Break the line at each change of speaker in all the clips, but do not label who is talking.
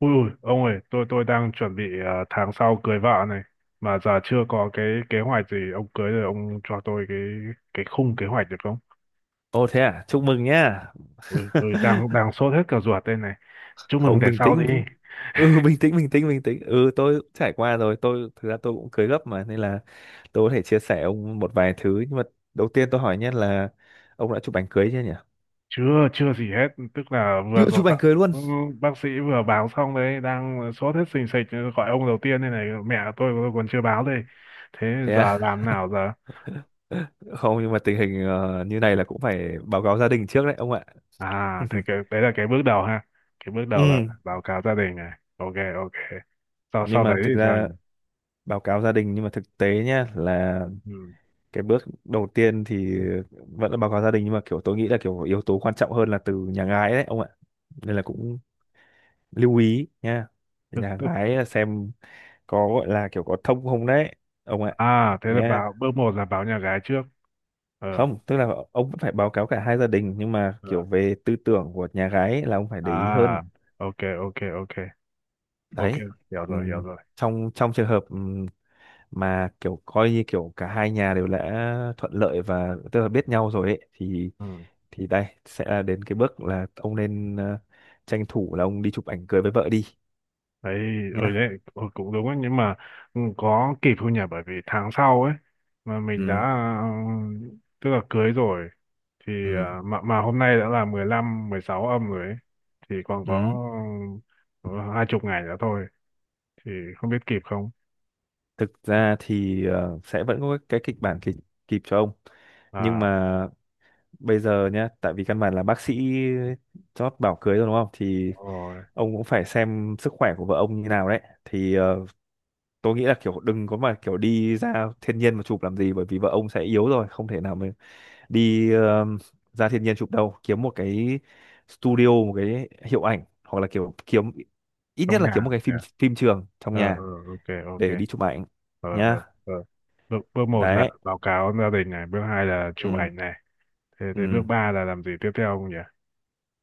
Ui, ui, ông ơi, tôi đang chuẩn bị, à, tháng sau cưới vợ này, mà giờ chưa có cái kế hoạch gì. Ông cưới rồi, ông cho tôi cái khung kế hoạch được không?
Ồ thế à, chúc mừng nhá.
Ui, ui, đang đang sốt hết cả ruột đây này. Chúc mừng
Không
để
bình
sau đi.
tĩnh. Ừ bình tĩnh. Ừ tôi cũng trải qua rồi, tôi thực ra cũng cưới gấp mà nên là tôi có thể chia sẻ ông một vài thứ, nhưng mà đầu tiên tôi hỏi nhé là ông đã chụp ảnh cưới chưa nhỉ?
Chưa chưa gì hết, tức là vừa
Chưa
rồi
chụp
bác
ảnh cưới luôn.
bác sĩ vừa báo xong đấy, đang sốt hết sình sịch, gọi ông đầu tiên đây này, mẹ tôi còn chưa báo đây. Thế
Thế à?
giờ làm nào giờ?
Không, nhưng mà tình hình như này là cũng phải báo cáo gia đình trước đấy ông ạ.
À, thì cái đấy là cái bước đầu ha. Cái bước đầu là
Ừ,
báo cáo gia đình này. Ok, ok. Sau
nhưng
sau
mà
đấy thì
thực
sao
ra
nhỉ?
báo cáo gia đình, nhưng mà thực tế nhá là
Ừ.
cái bước đầu tiên thì vẫn là báo cáo gia đình, nhưng mà kiểu tôi nghĩ là kiểu yếu tố quan trọng hơn là từ nhà gái đấy ông ạ, nên là cũng lưu ý nha,
Tức,
nhà
tức.
gái là xem có gọi là kiểu có thông không đấy ông ạ,
À, thế là
nha.
báo bước một là báo nhà gái trước. Ờ,
Không tức là ông vẫn phải báo cáo cả hai gia đình, nhưng mà
ờ.
kiểu về tư tưởng của nhà gái ấy là ông phải để ý hơn.
À, ok, ok, ok. Ok,
Đấy,
hiểu rồi, hiểu
còn
rồi.
trong trong trường hợp mà kiểu coi như kiểu cả hai nhà đều đã thuận lợi và tức là biết nhau rồi ấy thì,
Ừ.
đây sẽ là đến cái bước là ông nên tranh thủ là ông đi chụp ảnh cưới với vợ đi,
Đấy, ừ
nhá.
đấy, ừ, cũng đúng ấy, nhưng mà ừ, có kịp không nhỉ? Bởi vì tháng sau ấy, mà mình đã
Ừ,
ừ, tức là cưới rồi thì
ừ,
à, mà hôm nay đã là 15 16 âm rồi ấy. Thì còn có
ừ,
ờ, 20 ngày nữa thôi, thì không biết kịp không.
thực ra thì sẽ vẫn có cái kịch bản kịp, kịp cho ông, nhưng
À
mà bây giờ nhá, tại vì căn bản là bác sĩ chót bảo cưới rồi đúng không, thì
rồi,
ông cũng phải xem sức khỏe của vợ ông như nào đấy, thì tôi nghĩ là kiểu đừng có mà kiểu đi ra thiên nhiên mà chụp làm gì, bởi vì vợ ông sẽ yếu rồi không thể nào mà đi ra thiên nhiên chụp đâu, kiếm một cái studio, một cái hiệu ảnh, hoặc là kiểu kiếm ít nhất
trong
là
nhà
kiếm một cái
nhỉ.
phim phim trường trong
Ờ
nhà
ờ, ok ok.
để đi chụp ảnh,
Ờ ờ
nhá.
ờ, bước một là
Đấy.
báo cáo gia đình này, bước hai là chụp
Ừ,
ảnh này. Thế thế bước
ừ.
ba là làm gì tiếp theo không nhỉ?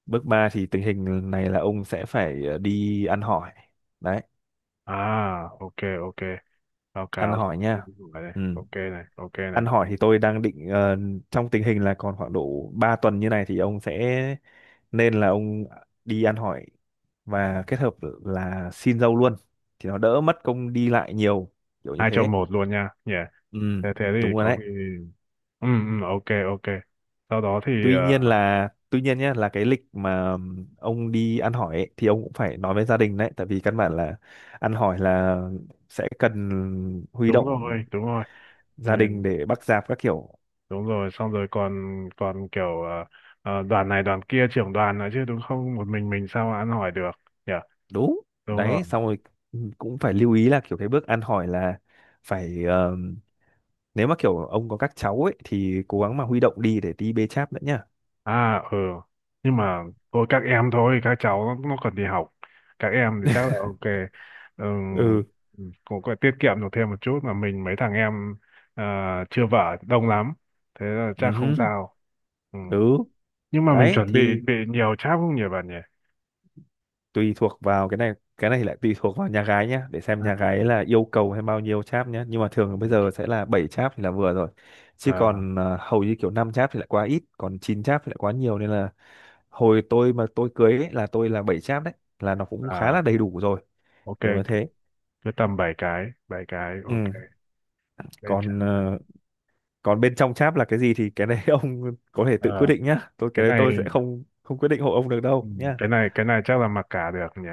Bước 3 thì tình hình này là ông sẽ phải đi ăn hỏi. Đấy,
À ok ok, báo
ăn
cáo
hỏi nha.
này,
Ừ.
ok này, ok
Ăn
này.
hỏi thì tôi đang định trong tình hình là còn khoảng độ 3 tuần như này thì ông sẽ nên là ông đi ăn hỏi và kết hợp là xin dâu luôn, thì nó đỡ mất công đi lại nhiều, kiểu như
Hai
thế.
trong một luôn nha nhỉ.
Ừ,
Thế thế thì
đúng rồi
có
đấy.
khi ừ ừ, ok ok. Sau đó thì
Tuy nhiên là tuy nhiên nhé, là cái lịch mà ông đi ăn hỏi ấy, thì ông cũng phải nói với gia đình đấy, tại vì căn bản là ăn hỏi là sẽ cần huy
đúng
động
rồi, đúng rồi. Ừ,
gia đình để bắt dạp các kiểu.
đúng rồi, xong rồi, còn còn kiểu đoàn này đoàn kia, trưởng đoàn nữa chứ, đúng không? Một mình sao mà ăn hỏi được nhỉ?
Đúng.
Đúng rồi.
Đấy, xong rồi cũng phải lưu ý là kiểu cái bước ăn hỏi là phải nếu mà kiểu ông có các cháu ấy thì cố gắng mà huy động đi để đi bê cháp nữa, nhá.
À ừ, nhưng mà thôi các em, thôi các cháu nó còn đi học, các em thì chắc là ok. Ừ,
Ừ,
cũng có tiết kiệm được thêm một chút, mà mình mấy thằng em ờ, chưa vợ đông lắm, thế là chắc
ừ
không
hứ,
sao. Ừ.
ừ.
Nhưng mà mình
Đấy
chuẩn bị
thì
bị nhiều cháp không nhỉ bạn nhỉ?
tùy thuộc vào cái này, cái này thì lại tùy thuộc vào nhà gái nhá, để xem
À,
nhà gái là yêu cầu hay bao nhiêu cháp nhá, nhưng mà thường là
ừ.
bây giờ sẽ là 7 cháp thì là vừa rồi, chứ
À,
còn hầu như kiểu 5 cháp thì lại quá ít, còn 9 cháp thì lại quá nhiều, nên là hồi tôi mà tôi cưới ấy, là tôi là 7 cháp đấy là nó cũng khá
à,
là đầy đủ rồi,
ok.
kiểu như thế.
Cứ tầm 7 cái, bảy cái, ok,
Ừ,
để trả
còn
lần.
còn bên trong cháp là cái gì thì cái đấy ông có thể tự quyết
Ờ
định nhá. Tôi
cái
cái đấy tôi sẽ
này,
không không quyết định hộ ông được
ừ,
đâu nhá.
cái này chắc là mặc cả được nhỉ.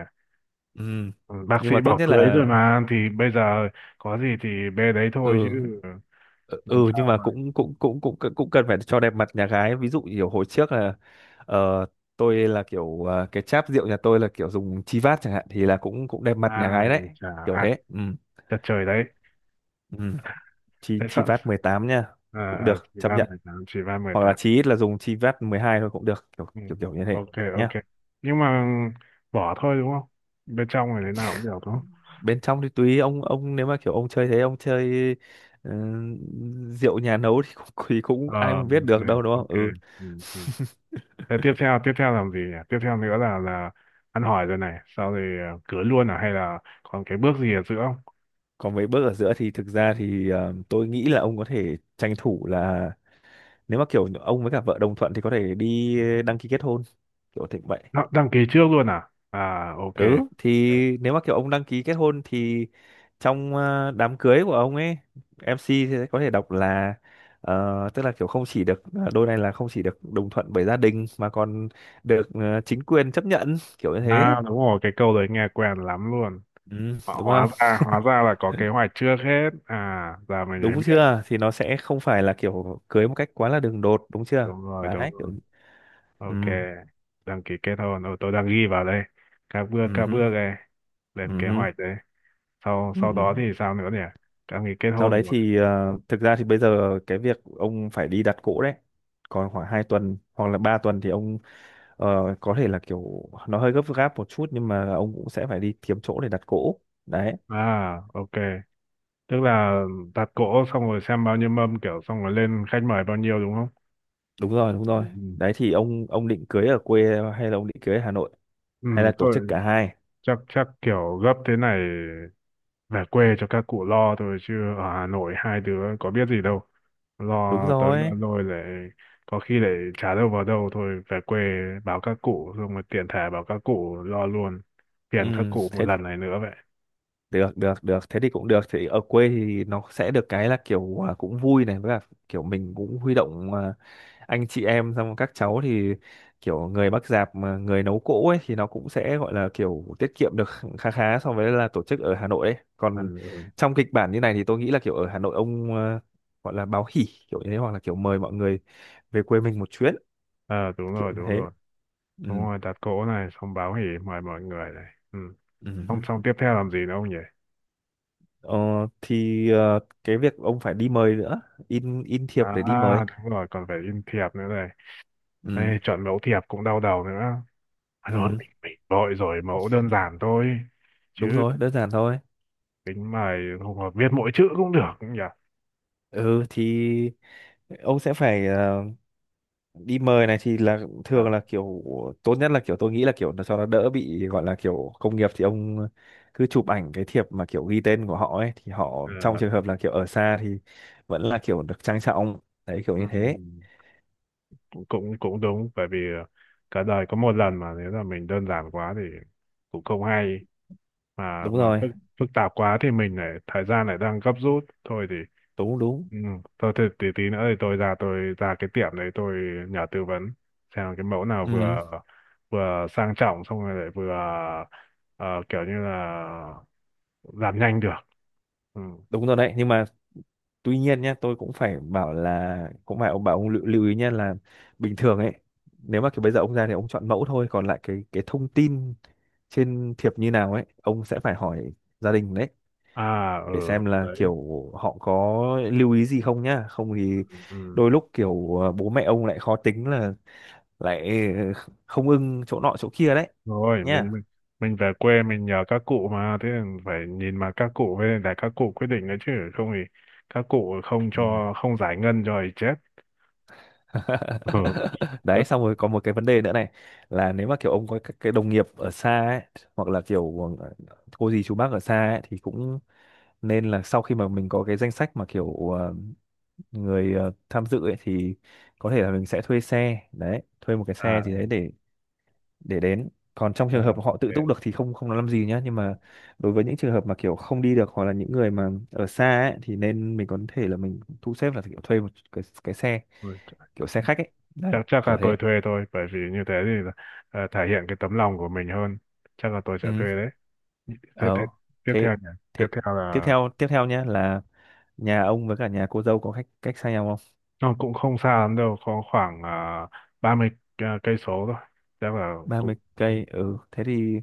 Ừ.
Ừ, bác
Nhưng
sĩ
mà tốt
bảo
nhất
cưới
là
rồi mà, thì bây giờ có gì thì bê đấy thôi
ừ,
chứ,
ừ, ừ,
làm
nhưng
sao
mà
mà.
cũng cũng cũng cũng cũng cần phải cho đẹp mặt nhà gái. Ví dụ kiểu hồi trước là ờ, tôi là kiểu cái cháp rượu nhà tôi là kiểu dùng chi vát chẳng hạn thì là cũng cũng đẹp mặt nhà gái đấy.
Ai chả
Kiểu
ạt,
thế. Ừ.
chật trời đấy.
Ừ. Chi
Thế
chi
sợ,
vát 18 nha. Cũng
ờ,
được,
chỉ
chấp
ba
nhận.
mười tám, chỉ ba mười
Hoặc là
tám.
chí ít là dùng chi vát 12 thôi cũng được. Kiểu
Ừ,
kiểu kiểu như thế.
ok
Nhá,
ok. Nhưng mà vỏ thôi, đúng không? Bên trong này thế nào cũng được, đúng không?
bên trong thì tùy ông nếu mà kiểu ông chơi thế ông chơi ờ, rượu nhà nấu thì cũng, thì cũng
Ờ
ai mà biết
ok
được đâu, đúng không.
ok.
Ừ,
Ừ, ừ. Thế tiếp theo làm gì nhỉ? Tiếp theo nữa là ăn hỏi rồi này, sau rồi cưới luôn à, hay là còn cái bước gì ở giữa không?
còn mấy bước ở giữa thì thực ra thì tôi nghĩ là ông có thể tranh thủ là nếu mà kiểu ông với cả vợ đồng thuận thì có thể đi đăng ký kết hôn, kiểu thế vậy.
Đăng, đăng ký trước luôn à? À ok.
Ừ, thì nếu mà kiểu ông đăng ký kết hôn thì trong đám cưới của ông ấy, MC sẽ có thể đọc là tức là kiểu không chỉ được đôi này là không chỉ được đồng thuận bởi gia đình mà còn được chính quyền chấp nhận, kiểu như thế.
À đúng rồi, cái câu đấy nghe quen lắm luôn.
Ừ,
Họ,
đúng
hóa
không?
ra à, hóa ra là có kế hoạch trước hết. À giờ mình mới
Đúng
biết.
chưa? Thì nó sẽ không phải là kiểu cưới một cách quá là đường đột, đúng chưa?
Đúng rồi, đúng
Đấy kiểu
rồi. Ok.
ừ,
Đăng ký kết hôn. Ừ, tôi đang ghi vào đây. Các bước, các
ừ,
bước đây. Lên kế
ừ,
hoạch đấy. Sau
ừ,
sau
ừ.
đó thì sao nữa nhỉ? Đăng ký kết
Sau
hôn
đấy
rồi.
thì thực ra thì bây giờ cái việc ông phải đi đặt cỗ đấy. Còn khoảng 2 tuần hoặc là 3 tuần thì ông ờ, có thể là kiểu nó hơi gấp gáp một chút, nhưng mà ông cũng sẽ phải đi kiếm chỗ để đặt cỗ. Đấy,
À ok. Tức là đặt cỗ xong rồi xem bao nhiêu mâm, kiểu xong rồi lên khách mời bao nhiêu, đúng không?
đúng rồi, đúng
Ừ.
rồi.
Ừ.
Đấy thì ông định cưới ở quê hay là ông định cưới ở Hà Nội,
Ừ
hay là tổ chức
thôi,
cả hai?
chắc chắc kiểu gấp thế này về quê cho các cụ lo thôi, chứ ở Hà Nội hai đứa có biết gì đâu,
Đúng
lo tới lo
rồi.
lôi lại có khi lại chả đâu vào đâu. Thôi về quê báo các cụ, xong rồi tiện thể báo các cụ lo luôn, phiền các
Ừ,
cụ một
thế
lần này nữa vậy.
được được được thế thì cũng được, thì ở quê thì nó sẽ được cái là kiểu à, cũng vui này, với cả kiểu mình cũng huy động à, anh chị em xong rồi các cháu thì kiểu người bác dạp mà người nấu cỗ ấy thì nó cũng sẽ gọi là kiểu tiết kiệm được khá khá so với là tổ chức ở Hà Nội ấy,
Ừ.
còn
Ừ.
trong kịch bản như này thì tôi nghĩ là kiểu ở Hà Nội ông gọi là báo hỉ, kiểu như thế, hoặc là kiểu mời mọi người về quê mình một chuyến,
Ờ đúng
kiểu
rồi,
như
đúng
thế.
rồi. Đúng
Ừ.
rồi đặt cỗ này, xong báo hỉ, mời mọi người này. Ừ. Xong
Ừ.
xong tiếp theo làm gì nữa không nhỉ?
Ờ, thì cái việc ông phải đi mời nữa, in thiệp để đi mời.
À đúng rồi, còn phải in thiệp nữa này.
Ừ.
Đây, chọn mẫu thiệp cũng đau đầu nữa. À, thôi
Ừ.
mình vội rồi, mẫu đơn giản thôi. Chứ
Đúng rồi, đơn giản thôi.
tính mày không hợp viết mỗi chữ cũng được cũng nhỉ.
Ừ, thì ông sẽ phải đi mời này thì là
À,
thường là kiểu tốt nhất là kiểu tôi nghĩ là kiểu nó cho nó đỡ bị gọi là kiểu công nghiệp, thì ông cứ chụp ảnh cái thiệp mà kiểu ghi tên của họ ấy thì họ
ờ,
trong trường hợp là kiểu ở xa thì vẫn là kiểu được trang trọng, đấy kiểu như thế.
ừm, cũng cũng cũng đúng, bởi vì cả đời có một lần, mà nếu là mình đơn giản quá thì cũng không hay,
Đúng
mà
rồi,
phức phức tạp quá thì mình lại thời gian lại đang gấp rút, thôi thì.
đúng đúng,
Ừ. Thôi thì tí tí nữa thì tôi ra, tôi ra cái tiệm đấy, tôi nhờ tư vấn xem cái mẫu nào
ừ,
vừa vừa sang trọng xong rồi lại vừa ờ, kiểu như là làm nhanh được. Ừ.
đúng rồi đấy, nhưng mà tuy nhiên nhá, tôi cũng phải bảo là cũng phải ông bảo ông lưu ý nhá, là bình thường ấy nếu mà kiểu bây giờ ông ra thì ông chọn mẫu thôi, còn lại cái thông tin trên thiệp như nào ấy ông sẽ phải hỏi gia đình đấy,
À
để
ừ,
xem là
đấy.
kiểu họ có lưu ý gì không nhá, không thì
Ừ.
đôi lúc kiểu bố mẹ ông lại khó tính là lại không ưng chỗ nọ chỗ kia đấy,
Rồi mình
nhá.
mình mình về quê mình nhờ các cụ, mà thế là phải nhìn mà các cụ, với lại các cụ quyết định đấy, chứ không thì các cụ không
Ừ.
cho, không giải ngân rồi chết. Ừ.
Đấy,
Bất-,
xong rồi có một cái vấn đề nữa này, là nếu mà kiểu ông có các cái đồng nghiệp ở xa ấy, hoặc là kiểu cô dì chú bác ở xa ấy thì cũng nên là sau khi mà mình có cái danh sách mà kiểu người tham dự ấy thì có thể là mình sẽ thuê xe đấy, thuê một cái
à,
xe gì đấy để đến, còn trong trường hợp
à
họ tự túc được
ok.
thì không không nói làm gì nhá, nhưng mà đối với những trường hợp mà kiểu không đi được hoặc là những người mà ở xa ấy, thì nên mình có thể là mình thu xếp là kiểu thuê một cái xe,
Ôi trời.
kiểu xe khách ấy, đấy
Chắc chắc
kiểu
là
thế.
tôi thuê thôi, bởi vì như thế thì là, thể hiện cái tấm lòng của mình hơn. Chắc là tôi sẽ
Ừ,
thuê đấy. Thế, thế,
ờ,
tiếp
thế
theo nhỉ?
thế
Tiếp theo
tiếp
là
theo, tiếp theo nhá là nhà ông với cả nhà cô dâu có cách cách xa nhau không.
nó cũng không xa lắm đâu, có khoảng 30, cây số thôi, chắc là
Ba mươi
cũng.
cây, ừ thế thì,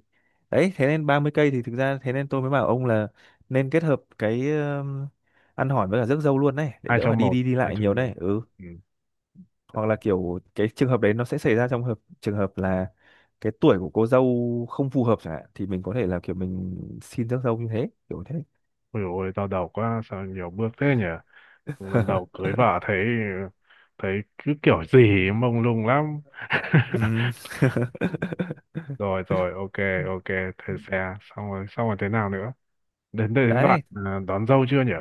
đấy thế nên 30 cây thì thực ra thế nên tôi mới bảo ông là nên kết hợp cái ăn hỏi với cả rước dâu luôn đấy, để
Hai
đỡ phải
trong
đi
một,
đi đi
hai
lại
trong
nhiều
một.
đấy. Ừ,
Ừ.
hoặc là kiểu cái trường hợp đấy nó sẽ xảy ra trong hợp trường hợp là cái tuổi của cô dâu không phù hợp chẳng hạn, thì mình có thể là kiểu mình xin rước dâu như thế, kiểu thế.
Ôi dồi ôi, đau đầu quá, sao nhiều bước thế nhỉ? Lần đầu cưới vợ thấy, thấy cứ kiểu gì ấy, mông lung lắm.
Ừm.
Rồi rồi ok ok. Thuê xe xong rồi, xong rồi thế nào nữa? Đến đến đến đoạn,
Đấy,
à, đón dâu chưa nhỉ?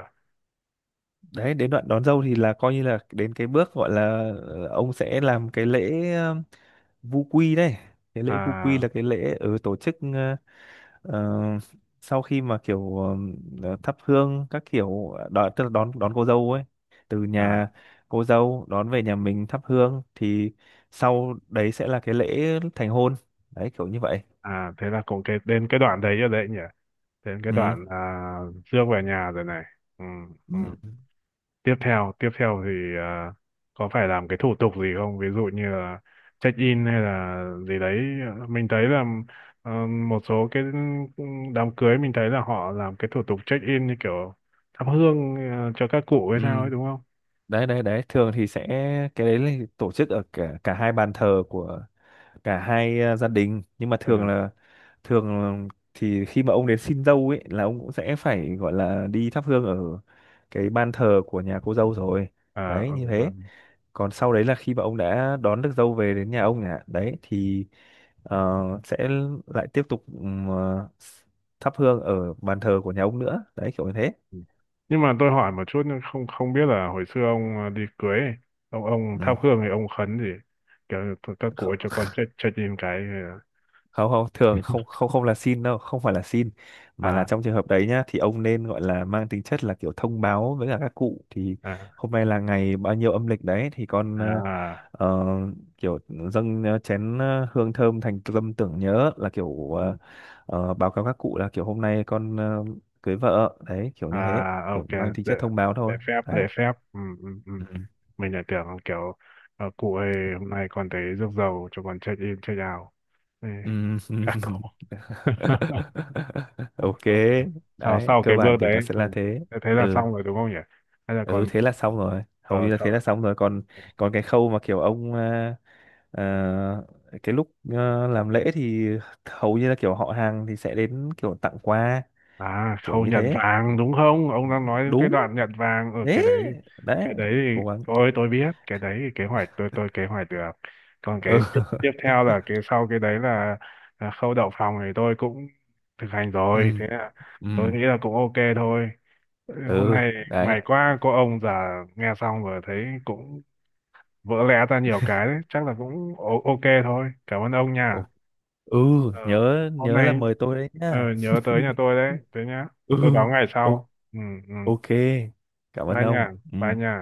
đấy đến đoạn đón dâu thì là coi như là đến cái bước gọi là ông sẽ làm cái lễ vu quy đây, cái lễ vu quy
À
là cái lễ ở tổ chức. Ờ, sau khi mà kiểu thắp hương các kiểu đón, tức là đón đón cô dâu ấy từ
à
nhà cô dâu đón về nhà mình thắp hương, thì sau đấy sẽ là cái lễ thành hôn, đấy kiểu như vậy.
à, thế là cũng cái đến cái đoạn đấy rồi đấy nhỉ. Đến cái
Ừ.
đoạn à, Dương về nhà rồi này. Ừ,
Ừ.
ừ. Tiếp theo, tiếp theo thì à, có phải làm cái thủ tục gì không? Ví dụ như là check in hay là gì đấy. Mình thấy là một số cái đám cưới mình thấy là họ làm cái thủ tục check in như kiểu thắp hương cho các cụ hay
Ừ.
sao ấy, đúng không?
Đấy đấy đấy, thường thì sẽ cái đấy là tổ chức ở cả cả hai bàn thờ của cả hai gia đình, nhưng mà thường
Ừ.
là thường thì khi mà ông đến xin dâu ấy là ông cũng sẽ phải gọi là đi thắp hương ở cái ban thờ của nhà cô dâu rồi,
À,
đấy
ừ,
như
ừ.
thế. Còn sau đấy là khi mà ông đã đón được dâu về đến nhà ông nhà đấy thì sẽ lại tiếp tục thắp hương ở bàn thờ của nhà ông nữa, đấy kiểu như thế.
Ừ. Nhưng mà tôi hỏi một chút, nhưng không không biết là hồi xưa ông à, đi cưới ấy, ông
Ừ.
thắp hương thì ông khấn gì? Kiểu như các cụ ơi cho con chết chết im cái.
không không thường không không không là xin đâu không phải là xin,
Ờ,
mà là
à
trong trường hợp đấy nhá thì ông nên gọi là mang tính chất là kiểu thông báo với cả các cụ, thì
à
hôm nay là ngày bao nhiêu âm lịch đấy thì con
à,
ờ, kiểu dâng chén hương thơm thành tâm tưởng nhớ, là kiểu
ừ.
báo cáo các cụ là kiểu hôm nay con cưới vợ đấy, kiểu như thế,
À
kiểu
ok.
mang tính
Lễ,
chất thông báo
lễ
thôi.
phép
Đấy.
lễ phép, ừ, ừ, ừ.
Ừ.
Mình lại tưởng kiểu cụ ơi, hôm nay con thấy rước dầu cho con chết im chết ào. Ê,
Ừ.
các cụ.
Ok,
Ok. Sau
đấy
sau
cơ
cái bước
bản thì nó
đấy,
sẽ
ừ.
là thế.
Thế thế là
Ừ,
xong rồi đúng không nhỉ? Hay là
ừ
còn
thế là xong rồi, hầu như là thế
sau.
là xong rồi, còn còn cái khâu mà kiểu ông à, à, cái lúc à, làm lễ thì hầu như là kiểu họ hàng thì sẽ đến kiểu tặng quà,
À,
kiểu
khâu
như
nhận
thế.
vàng đúng không? Ông đang nói đến cái
Đúng.
đoạn nhận vàng ở
Thế.
cái đấy.
Đấy.
Cái đấy
Cố
thì
gắng.
thôi tôi biết, cái đấy thì kế hoạch tôi kế hoạch được. Còn
Ừ
cái tiếp tiếp theo là cái sau cái đấy là khâu đậu phòng thì tôi cũng thực hành rồi.
ừ,
Thế là
ừ,
tôi nghĩ là cũng ok thôi. Ừ, hôm
ừ.
nay may
Đấy.
quá có ông già nghe xong rồi thấy cũng vỡ lẽ ra nhiều cái đấy. Chắc là cũng o-, ok thôi. Cảm ơn ông nha.
Ồ, ừ,
Ờ
nhớ
hôm
nhớ là
nay,
mời tôi đấy
ờ
nhá.
nhớ tới nhà tôi đấy thế nhá.
Ừ,
Tôi báo ngày
ô-,
sau. Ừ, ừ.
ok, cảm ơn
Bye nha,
ông. Ừ.
bye nha.